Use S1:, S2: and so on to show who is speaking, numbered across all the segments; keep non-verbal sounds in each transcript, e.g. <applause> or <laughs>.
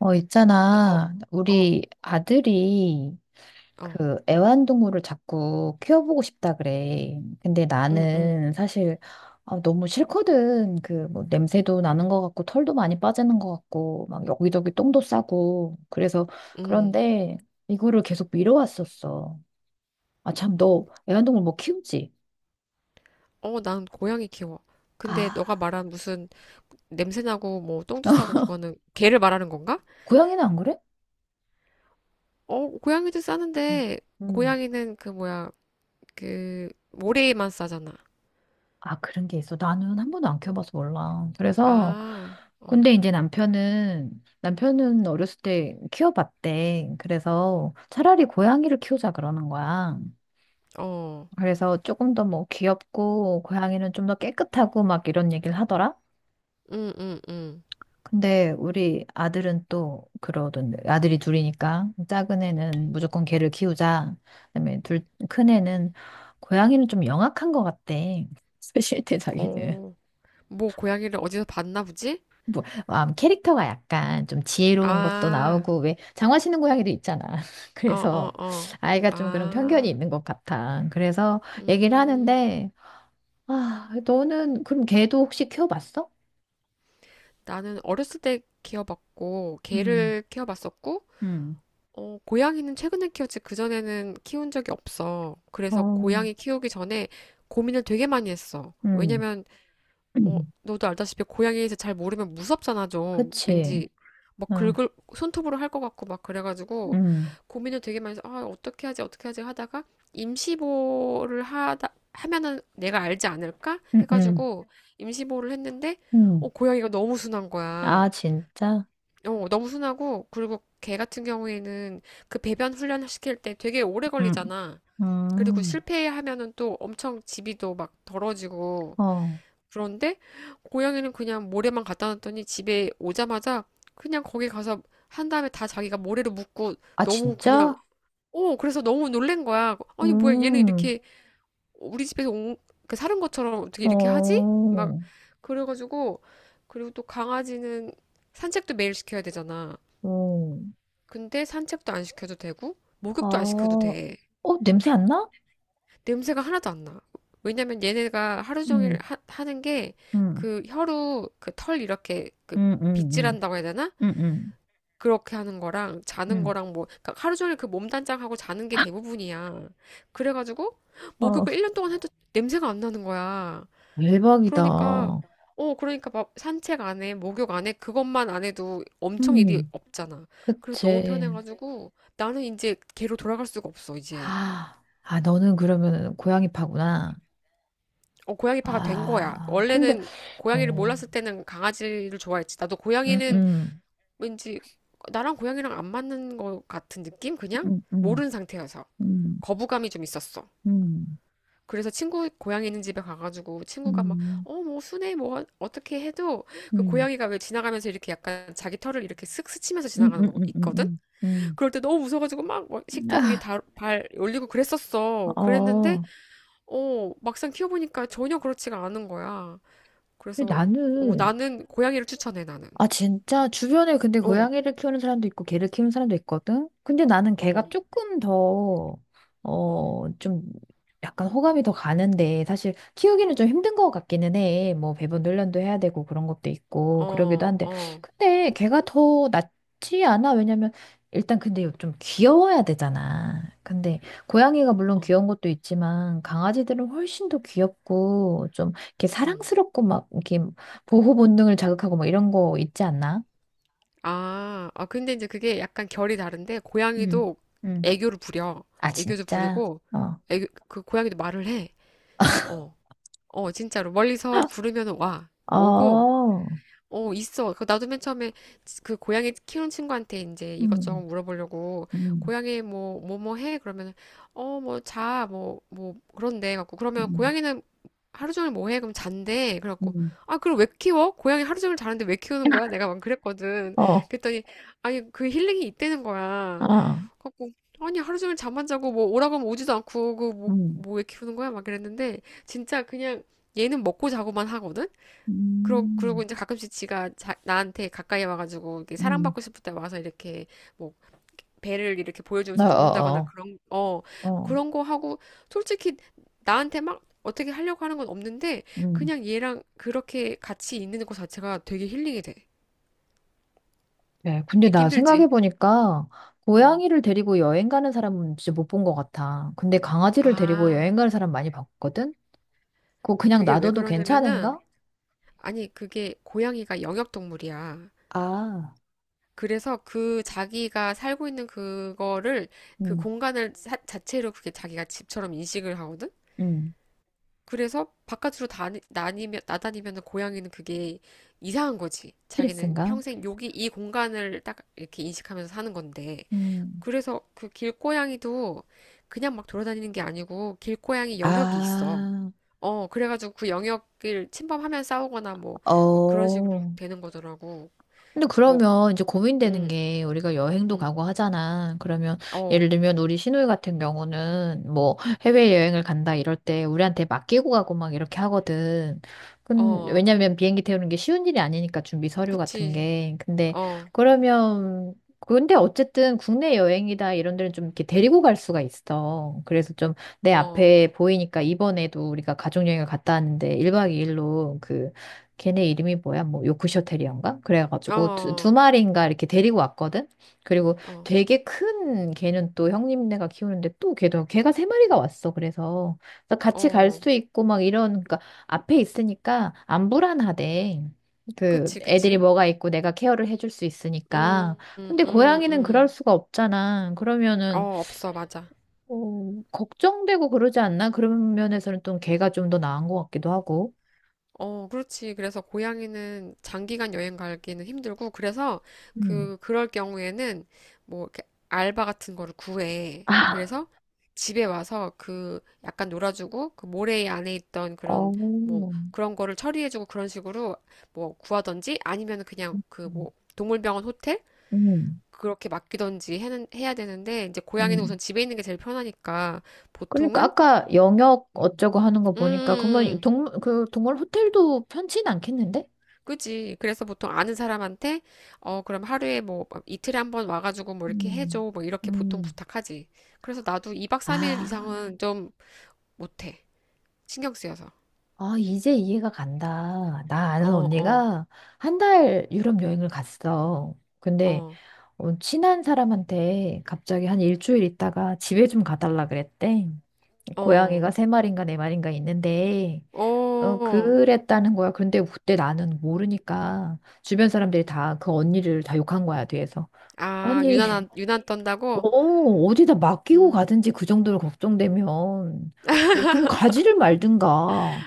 S1: 어,
S2: 어,
S1: 있잖아.
S2: 어,
S1: 우리 아들이
S2: 어,
S1: 그 애완동물을 자꾸 키워보고 싶다 그래. 근데
S2: 응, 응,
S1: 나는 사실 아, 너무 싫거든. 그 뭐 냄새도 나는 것 같고 털도 많이 빠지는 것 같고 막 여기저기 똥도 싸고. 그래서
S2: 응.
S1: 그런데 이거를 계속 미뤄왔었어. 아, 참, 너 애완동물 뭐 키우지?
S2: 어, 난 고양이 키워.
S1: 아,
S2: 근데 너가 말한 무슨 냄새나고 뭐 똥도 싸고
S1: <laughs>
S2: 그거는 개를 말하는 건가?
S1: 고양이는 안 그래?
S2: 어, 고양이도 싸는데
S1: 음.
S2: 고양이는 그 뭐야, 그 모래만 싸잖아.
S1: 아, 그런 게 있어. 나는 한 번도 안 키워봐서 몰라. 그래서,
S2: 아, 어,
S1: 근데 이제 남편은, 남편은 어렸을 때 키워봤대. 그래서 차라리 고양이를 키우자 그러는 거야.
S2: 어,
S1: 그래서 조금 더 뭐 귀엽고, 고양이는 좀 더 깨끗하고 막 이런 얘기를 하더라.
S2: 응, 응, 응.
S1: 근데 우리 아들은 또 그러던데. 아들이 둘이니까. 작은 애는 무조건 개를 키우자. 그다음에 둘, 큰 애는 고양이는 좀 영악한 것 같대. <laughs> 사실 때 자기는.
S2: 어, 뭐 고양이를 어디서 봤나 보지?
S1: 뭐, 캐릭터가 약간 좀 지혜로운 것도
S2: 아,
S1: 나오고, 왜, 장화시는 고양이도 있잖아. <laughs>
S2: 어, 어,
S1: 그래서
S2: 어.
S1: 아이가 좀 그런 편견이
S2: 아,
S1: 있는 것 같아. 그래서 얘기를
S2: 음,
S1: 하는데, 아, 너는 그럼 걔도 혹시 키워봤어?
S2: 나는 어렸을 때 키워봤고
S1: 음,
S2: 개를 키워봤었고.
S1: 음,
S2: 어, 고양이는 최근에 키웠지. 그전에는 키운 적이 없어. 그래서
S1: 어,
S2: 고양이 키우기 전에 고민을 되게 많이 했어.
S1: 음.
S2: 왜냐면, 어,
S1: <clears throat>
S2: 너도 알다시피 고양이에 서 잘 모르면 무섭잖아, 좀.
S1: 그치.
S2: 왠지 막
S1: 어,
S2: 긁을, 손톱으로 할 것 같고 막 그래가지고
S1: 음,
S2: 고민을 되게 많이 해서, 아, 어떻게 하지, 어떻게 하지 하다가 임시보호를 하면은 내가 알지 않을까
S1: 음, 음,
S2: 해가지고 임시보호를 했는데, 어,
S1: 음.
S2: 고양이가 너무 순한 거야.
S1: 아, 진짜?
S2: 어, 너무 순하고, 그리고 개 같은 경우에는 그 배변 훈련 시킬 때 되게 오래
S1: 음,
S2: 걸리잖아. 그리고
S1: 음.
S2: 실패하면은 또 엄청 집이도 막 더러지고.
S1: 어.
S2: 그런데 고양이는 그냥 모래만 갖다 놨더니 집에 오자마자 그냥 거기 가서 한 다음에 다 자기가 모래로 묻고
S1: 아,
S2: 너무 그냥,
S1: 진짜?
S2: 어, 그래서 너무 놀란 거야. 아니, 뭐야, 얘는
S1: 음,
S2: 이렇게 우리 집에서 온, 그 사는 것처럼 어떻게 이렇게 하지?
S1: 어,
S2: 막, 그래가지고, 그리고 또 강아지는 산책도 매일 시켜야 되잖아.
S1: 어.
S2: 근데 산책도 안 시켜도 되고,
S1: 아,
S2: 목욕도 안 시켜도 돼.
S1: 어, 냄새 안 나?
S2: 냄새가 하나도 안 나. 왜냐면 얘네가 하루 종일
S1: 응
S2: 하는 게,
S1: 응
S2: 그 혀로 그 털 이렇게 그
S1: 응응응
S2: 빗질한다고 해야 되나?
S1: 응응응
S2: 그렇게 하는 거랑, 자는 거랑 뭐, 그러니까 하루 종일 그 몸단장하고 자는 게 대부분이야. 그래가지고,
S1: 어,
S2: 목욕을 1년 동안 해도 냄새가 안 나는 거야.
S1: 대박이다.
S2: 그러니까, 어, 그러니까 막 산책 안 해, 목욕 안 해, 그것만 안 해도 엄청 일이
S1: 음.
S2: 없잖아. 그래서 너무
S1: 그치.
S2: 편해가지고 나는 이제 걔로 돌아갈 수가 없어, 이제.
S1: 아, 아, 너는 그러면 고양이 파구나.
S2: 어, 고양이파가 된 거야.
S1: 아, 근데,
S2: 원래는 고양이를
S1: 어,
S2: 몰랐을 때는 강아지를 좋아했지. 나도
S1: 응
S2: 고양이는 왠지 나랑 고양이랑 안 맞는 것 같은 느낌? 그냥?
S1: 음, 음,
S2: 모르는 상태여서.
S1: 음,
S2: 거부감이 좀 있었어.
S1: 음,
S2: 그래서 친구 고양이 있는 집에 가가지고 친구가 막,
S1: 음,
S2: 어, 뭐, 순해, 뭐, 떻게 해도 그
S1: 음,
S2: 고양이가 왜 지나가면서 이렇게 약간 자기 털을 이렇게 쓱 스치면서
S1: 음,
S2: 지나가는
S1: 음,
S2: 거
S1: 음, 음,
S2: 있거든?
S1: 음, 음.
S2: 그럴 때 너무 무서워가지고 막, 막 식탁 위에
S1: 아,
S2: 다, 발 올리고 그랬었어. 그랬는데,
S1: 어,
S2: 어, 막상 키워보니까 전혀 그렇지가 않은 거야.
S1: 근데
S2: 그래서, 어,
S1: 나는
S2: 나는 고양이를 추천해, 나는.
S1: 아, 진짜? 주변에 근데
S2: 어,
S1: 고양이를 키우는 사람도 있고, 개를 키우는 사람도 있거든? 근데 나는 개가
S2: 어,
S1: 조금 더,
S2: 어,
S1: 어, 좀, 약간 호감이 더 가는데, 사실 키우기는 좀 힘든 것 같기는 해. 뭐, 배분 훈련도 해야 되고, 그런 것도 있고, 그러기도
S2: 어,
S1: 한데.
S2: 어,
S1: 근데 개가 더 낫지 않아? 왜냐면, 일단 근데 좀 귀여워야 되잖아. 근데 고양이가 물론
S2: 어,
S1: 귀여운 것도 있지만 강아지들은 훨씬 더 귀엽고 좀 이렇게
S2: 응.
S1: 사랑스럽고 막 이렇게 보호 본능을 자극하고 뭐 이런 거 있지 않나?
S2: 아, 아, 근데 이제 그게 약간 결이 다른데,
S1: 음,
S2: 고양이도
S1: 음.
S2: 애교를 부려.
S1: 아,
S2: 애교도
S1: 진짜?
S2: 부리고,
S1: 어.
S2: 애교, 그 고양이도 말을 해. 어, 어, 진짜로. 멀리서 부르면 와. 오고,
S1: 어.
S2: 어, 있어. 그 나도 맨 처음에 그 고양이 키우는 친구한테 이제 이것저것
S1: 음.
S2: 물어보려고,
S1: 음,
S2: 고양이 뭐, 뭐, 뭐 해? 그러면, 어, 뭐, 자, 뭐, 뭐, 그런데 갖고 그러면
S1: 음,
S2: 고양이는 하루 종일 뭐 해? 그럼 잔대. 그래갖고,
S1: 음,
S2: 아, 그럼 왜 키워? 고양이 하루 종일 자는데 왜 키우는 거야? 내가 막 그랬거든.
S1: 어.
S2: 그랬더니, 아니, 그 힐링이 있다는 거야.
S1: 어.
S2: 그래갖고, 아니, 하루 종일 잠만 자고 뭐 오라고 하면 오지도 않고, 그 뭐,
S1: 음,
S2: 뭐 왜 키우는 거야? 막 그랬는데, 진짜 그냥 얘는 먹고 자고만 하거든? 그러고
S1: 음,
S2: 이제 가끔씩 지가 나한테 가까이 와가지고, 이렇게
S1: 음,
S2: 사랑받고 싶을 때 와서 이렇게 뭐 배를 이렇게
S1: 어,
S2: 보여주면서 눕는다거나
S1: 어,
S2: 그런, 어,
S1: 어. 어.
S2: 그런 거 하고, 솔직히 나한테 막 어떻게 하려고 하는 건 없는데,
S1: 음.
S2: 그냥 얘랑 그렇게 같이 있는 것 자체가 되게 힐링이 돼.
S1: 네, 근데
S2: 믿기
S1: 나
S2: 힘들지?
S1: 생각해보니까
S2: 음.
S1: 고양이를 데리고 여행 가는 사람은 진짜 못 본 것 같아. 근데 강아지를 데리고
S2: 아,
S1: 여행 가는 사람 많이 봤거든? 그거 그냥
S2: 그게 왜
S1: 놔둬도
S2: 그러냐면은,
S1: 괜찮은가?
S2: 아니, 그게 고양이가 영역동물이야.
S1: 아,
S2: 그래서 그 자기가 살고 있는 그거를, 그
S1: 음,
S2: 공간을 자체로 그게 자기가 집처럼 인식을 하거든?
S1: 음,
S2: 그래서 바깥으로 다, 나다니면 고양이는 그게 이상한 거지. 자기는
S1: 스트레스인가?
S2: 평생 여기 이 공간을 딱 이렇게 인식하면서 사는 건데.
S1: 음.
S2: 그래서 그 길고양이도 그냥 막 돌아다니는 게 아니고 길고양이 영역이 있어.
S1: 아,
S2: 어, 그래가지고 그 영역을 침범하면 싸우거나 뭐, 막 그런 식으로
S1: 어.
S2: 되는 거더라고.
S1: 근데
S2: 뭐,
S1: 그러면 이제 고민되는
S2: 응,
S1: 게 우리가 여행도
S2: 응,
S1: 가고 하잖아. 그러면
S2: 어,
S1: 예를 들면 우리 시누이 같은 경우는 뭐 해외여행을 간다 이럴 때 우리한테 맡기고 가고 막 이렇게 하거든. 근
S2: 어,
S1: 왜냐면 비행기 태우는 게 쉬운 일이 아니니까 준비 서류 같은
S2: 그치,
S1: 게. 근데
S2: 어,
S1: 그러면 근데 어쨌든 국내 여행이다 이런 데는 좀 이렇게 데리고 갈 수가 있어. 그래서 좀 내
S2: 어,
S1: 앞에 보이니까 이번에도 우리가 가족여행을 갔다 왔는데 1박 2일로 걔네 이름이 뭐야? 뭐 요크셔 테리어인가? 그래가지고 두
S2: 어,
S1: 마리인가 이렇게 데리고 왔거든. 그리고
S2: 어,
S1: 되게 큰 걔는 또 형님네가 키우는데 또 걔도 걔가 세 마리가 왔어. 그래서, 그래서 같이 갈
S2: 어,
S1: 수도 있고 막 이런 그러니까 앞에 있으니까 안 불안하대. 그
S2: 그치,
S1: 애들이
S2: 그치.
S1: 뭐가 있고 내가 케어를 해줄 수 있으니까.
S2: 음, 음,
S1: 근데
S2: 음,
S1: 고양이는 그럴
S2: 음.
S1: 수가 없잖아.
S2: 어,
S1: 그러면은
S2: 없어, 맞아.
S1: 어, 걱정되고 그러지 않나? 그런 면에서는 또 걔가 좀 더 나은 것 같기도 하고.
S2: 어, 그렇지. 그래서 고양이는 장기간 여행 가기는 힘들고, 그래서
S1: 음.
S2: 그럴 경우에는 뭐, 이렇게 알바 같은 거를 구해.
S1: 아,
S2: 그래서 집에 와서 그, 약간 놀아주고, 그 모래 안에 있던
S1: 어.
S2: 그런, 뭐, 그런 거를 처리해주고 그런 식으로 뭐 구하던지 아니면 그냥 그
S1: 음,
S2: 뭐, 동물병원 호텔?
S1: 음.
S2: 그렇게 맡기던지 해야 되는데, 이제 고양이는 우선
S1: 음.
S2: 집에 있는 게 제일 편하니까
S1: 그러니까
S2: 보통은.
S1: 아까 영역 어쩌고 하는 거 보니까 그러면
S2: 음,
S1: 동물 그 동물 호텔도 편치는 않겠는데?
S2: 그지. 그래서 보통 아는 사람한테, 어, 그럼 하루에 뭐, 이틀에 한번 와가지고 뭐 이렇게
S1: 음.
S2: 해줘. 뭐 이렇게 보통
S1: 음.
S2: 부탁하지. 그래서 나도 2박 3일
S1: 아,
S2: 이상은 좀 못해. 신경 쓰여서.
S1: 아 이제 이해가 간다. 나
S2: 어,
S1: 아는
S2: 어,
S1: 언니가 한 달 유럽 여행을 갔어. 근데
S2: 어,
S1: 어, 친한 사람한테 갑자기 한 일주일 있다가 집에 좀 가달라 그랬대.
S2: 어,
S1: 고양이가 세 마리인가 네 마리인가 있는데 어,
S2: 어.
S1: 그랬다는 거야. 그런데 그때 나는 모르니까 주변 사람들이 다 그 언니를 다 욕한 거야, 뒤에서.
S2: 아,
S1: 아니, <laughs>
S2: 유난
S1: 어,
S2: 떤다고?
S1: 어디다 맡기고
S2: 음,
S1: 가든지 그 정도로 걱정되면, 어, 그럼 가지를 말든가.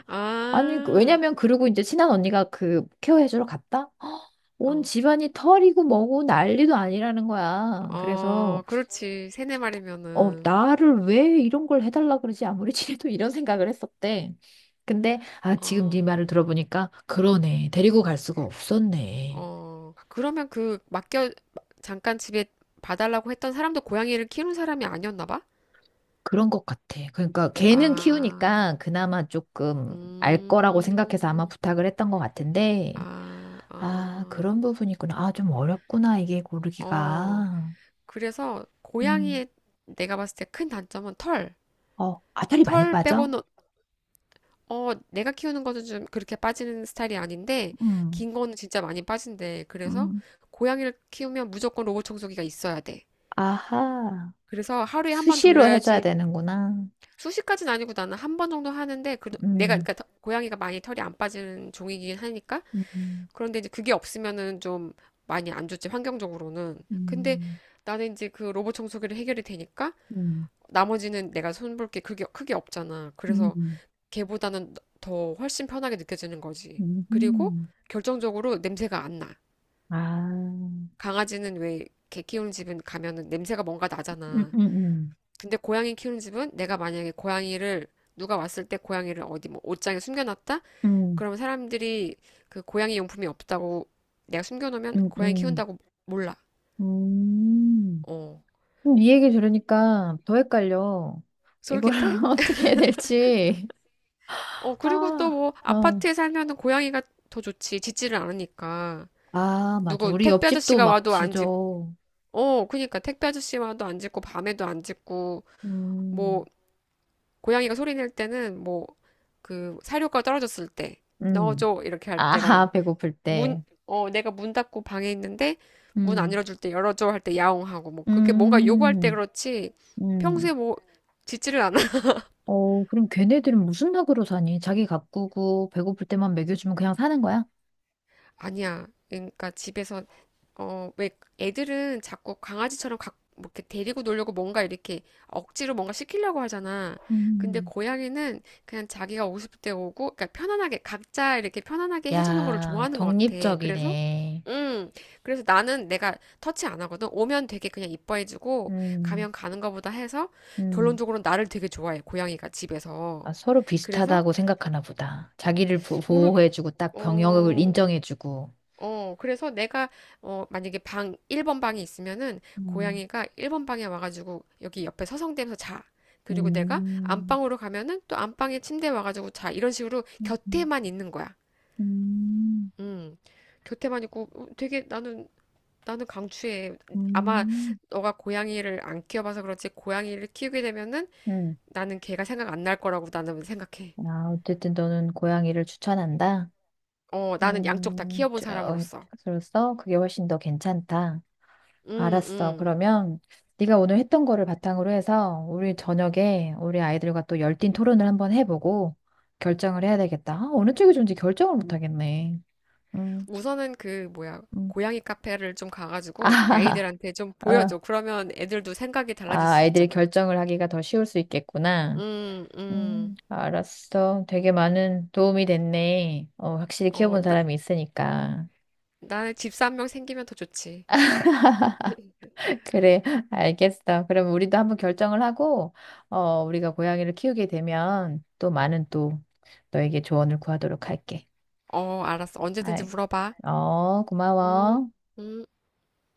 S1: 아니, 그-
S2: 아,
S1: 왜냐면 그러고 이제 친한 언니가 그 케어해주러 갔다? 헉, 온
S2: 어,
S1: 집안이 털이고 뭐고 난리도 아니라는 거야. 그래서
S2: 어, 그렇지. 세네
S1: 어,
S2: 마리면은,
S1: 나를 왜 이런 걸 해달라 그러지? 아무리 <laughs> 친해도 이런 생각을 했었대. 근데, 아, 지금 네
S2: 어.
S1: 말을 들어보니까, 그러네. 데리고 갈 수가 없었네.
S2: 어, 그러면 그 맡겨 잠깐 집에 봐달라고 했던 사람도 고양이를 키우는 사람이 아니었나 봐?
S1: 그런 것 같아. 그러니까 걔는
S2: 아,
S1: 키우니까 그나마 조금 알 거라고 생각해서 아마
S2: 음,
S1: 부탁을 했던 것 같은데,
S2: 아,
S1: 아,
S2: 어,
S1: 그런 부분이구나. 아, 좀 어렵구나. 이게
S2: 어.
S1: 고르기가.
S2: 그래서
S1: 음,
S2: 고양이의 내가 봤을 때 큰 단점은 털.
S1: 어, 아다리 많이
S2: 털
S1: 빠져?
S2: 빼고는 어, 내가 키우는 거는 좀 그렇게 빠지는 스타일이 아닌데
S1: 음,
S2: 긴 거는 진짜 많이 빠진대. 그래서
S1: 음,
S2: 고양이를 키우면 무조건 로봇 청소기가 있어야 돼.
S1: 아하.
S2: 그래서 하루에 한번
S1: 수시로 해줘야
S2: 돌려야지.
S1: 되는구나.
S2: 수십 가지는 아니고 나는 한 번 정도 하는데 그 내가
S1: 음.
S2: 그러니까 더- 고양이가 많이 털이 안 빠지는 종이긴 하니까.
S1: 음.
S2: 그런데 이제 그게 없으면은 좀 많이 안 좋지, 환경적으로는. 근데
S1: 음,
S2: 나는 이제 그 로봇 청소기로 해결이 되니까
S1: 음,
S2: 나머지는 내가 손볼 게 그게 크게 없잖아. 그래서
S1: 음,
S2: 걔보다는 더 훨씬 편하게 느껴지는 거지. 그리고
S1: 음,
S2: 결정적으로 냄새가 안 나.
S1: 아,
S2: 강아지는 왜 개 키우는 집은 가면은 냄새가 뭔가
S1: 음,
S2: 나잖아.
S1: 음,
S2: 근데 고양이 키우는 집은 내가 만약에 고양이를, 누가 왔을 때 고양이를 어디 뭐 옷장에 숨겨놨다?
S1: 음,
S2: 그러면 사람들이 그 고양이 용품이 없다고 내가 숨겨놓으면
S1: 음,
S2: 고양이
S1: 음.
S2: 키운다고 몰라.
S1: 음,
S2: 어.
S1: 어, 이 얘기 들으니까 더 헷갈려. 이걸
S2: 솔깃해?
S1: <laughs> 어떻게 해야 될지.
S2: 어, 그리고 또
S1: 아,
S2: 뭐
S1: 어.
S2: 아파트에 살면은 고양이가 더 좋지. 짖지를 않으니까.
S1: 아, 맞아.
S2: 누구
S1: 우리
S2: 택배
S1: 옆집도
S2: 아저씨가
S1: 막
S2: 와도 안 짖고.
S1: 지져.
S2: 어, 그니까 택배 아저씨 와도 안 짖고 밤에도 안 짖고
S1: 음,
S2: 뭐 고양이가 소리 낼 때는 뭐 그 사료가 떨어졌을 때
S1: 음.
S2: 넣어줘 이렇게 할
S1: 아,
S2: 때랑,
S1: 배고플
S2: 문,
S1: 때.
S2: 어, 내가 문 닫고 방에 있는데 문 안
S1: 음,
S2: 열어줄 때 열어줘 할 때 야옹하고 뭐 그게 렇 뭔가 요구할 때
S1: 음,
S2: 그렇지. 평소에
S1: 음.
S2: 뭐 짖지를 않아. <laughs>
S1: 어, 그럼 걔네들은 무슨 낙으로 사니? 자기 가꾸고 배고플 때만 먹여주면 그냥 사는 거야?
S2: 아니야. 그러니까 집에서 어, 왜 애들은 자꾸 강아지처럼 각, 뭐 이렇게 데리고 놀려고 뭔가 이렇게 억지로 뭔가 시키려고 하잖아. 근데
S1: 음.
S2: 고양이는 그냥 자기가 오고 싶을 때 오고, 그러니까 편안하게, 각자 이렇게 편안하게 해주는 거를
S1: 야,
S2: 좋아하는 것 같아. 그래서,
S1: 독립적이네.
S2: 음, 그래서 나는 내가 터치 안 하거든. 오면 되게 그냥 이뻐해주고,
S1: 음,
S2: 가면 가는 거보다 해서,
S1: 음.
S2: 결론적으로 나를 되게 좋아해, 고양이가 집에서.
S1: 아, 서로
S2: 그래서,
S1: 비슷하다고 생각하나 보다. 자기를 보,
S2: 모르,
S1: 호해주고딱 병역을
S2: 어,
S1: 인정해주고.
S2: 어, 그래서 내가, 어, 만약에 방, 1번 방이 있으면은,
S1: 음,
S2: 고양이가 1번 방에 와가지고, 여기 옆에 서성대면서 자. 그리고 내가
S1: 음,
S2: 안방으로 가면은, 또 안방에 침대에 와가지고 자. 이런 식으로
S1: 음,
S2: 곁에만 있는 거야.
S1: 음,
S2: 음, 곁에만 있고, 어, 되게 나는, 나는 강추해. 아마,
S1: 음.
S2: 너가 고양이를 안 키워봐서 그렇지, 고양이를 키우게 되면은,
S1: 음.
S2: 나는 걔가 생각 안 날 거라고 나는 생각해.
S1: 아, 어쨌든 너는 고양이를 추천한다.
S2: 어, 나는 양쪽 다 키워본
S1: 저, 어,
S2: 사람으로서.
S1: 그래서 그게 훨씬 더 괜찮다.
S2: 음,
S1: 알았어.
S2: 음.
S1: 그러면 네가 오늘 했던 거를 바탕으로 해서 우리 저녁에 우리 아이들과 또 열띤 토론을 한번 해보고 결정을 해야 되겠다. 아, 어느 쪽이 좋은지 결정을 못 하겠네. 음,
S2: 우선은 그 뭐야
S1: 음.
S2: 고양이 카페를 좀
S1: 아,
S2: 가가지고
S1: <laughs>
S2: 아이들한테 좀
S1: 아,
S2: 보여줘. 그러면 애들도 생각이 달라질
S1: 아,
S2: 수
S1: 아이들이
S2: 있잖아.
S1: 결정을 하기가 더 쉬울 수 있겠구나.
S2: 음, 음.
S1: 알았어. 되게 많은 도움이 됐네. 어, 확실히
S2: 어,
S1: 키워본
S2: 나,
S1: 사람이 있으니까.
S2: 나는 집사 한 명 생기면 더 좋지. <laughs>
S1: 그래, <laughs> 알겠어. 그럼 우리도 한번 결정을 하고, 어, 우리가 고양이를 키우게 되면 또 많은 또 너에게 조언을 구하도록 할게.
S2: 어, 알았어. 언제든지
S1: 아
S2: 물어봐.
S1: 어,
S2: 음,
S1: 고마워.
S2: 음.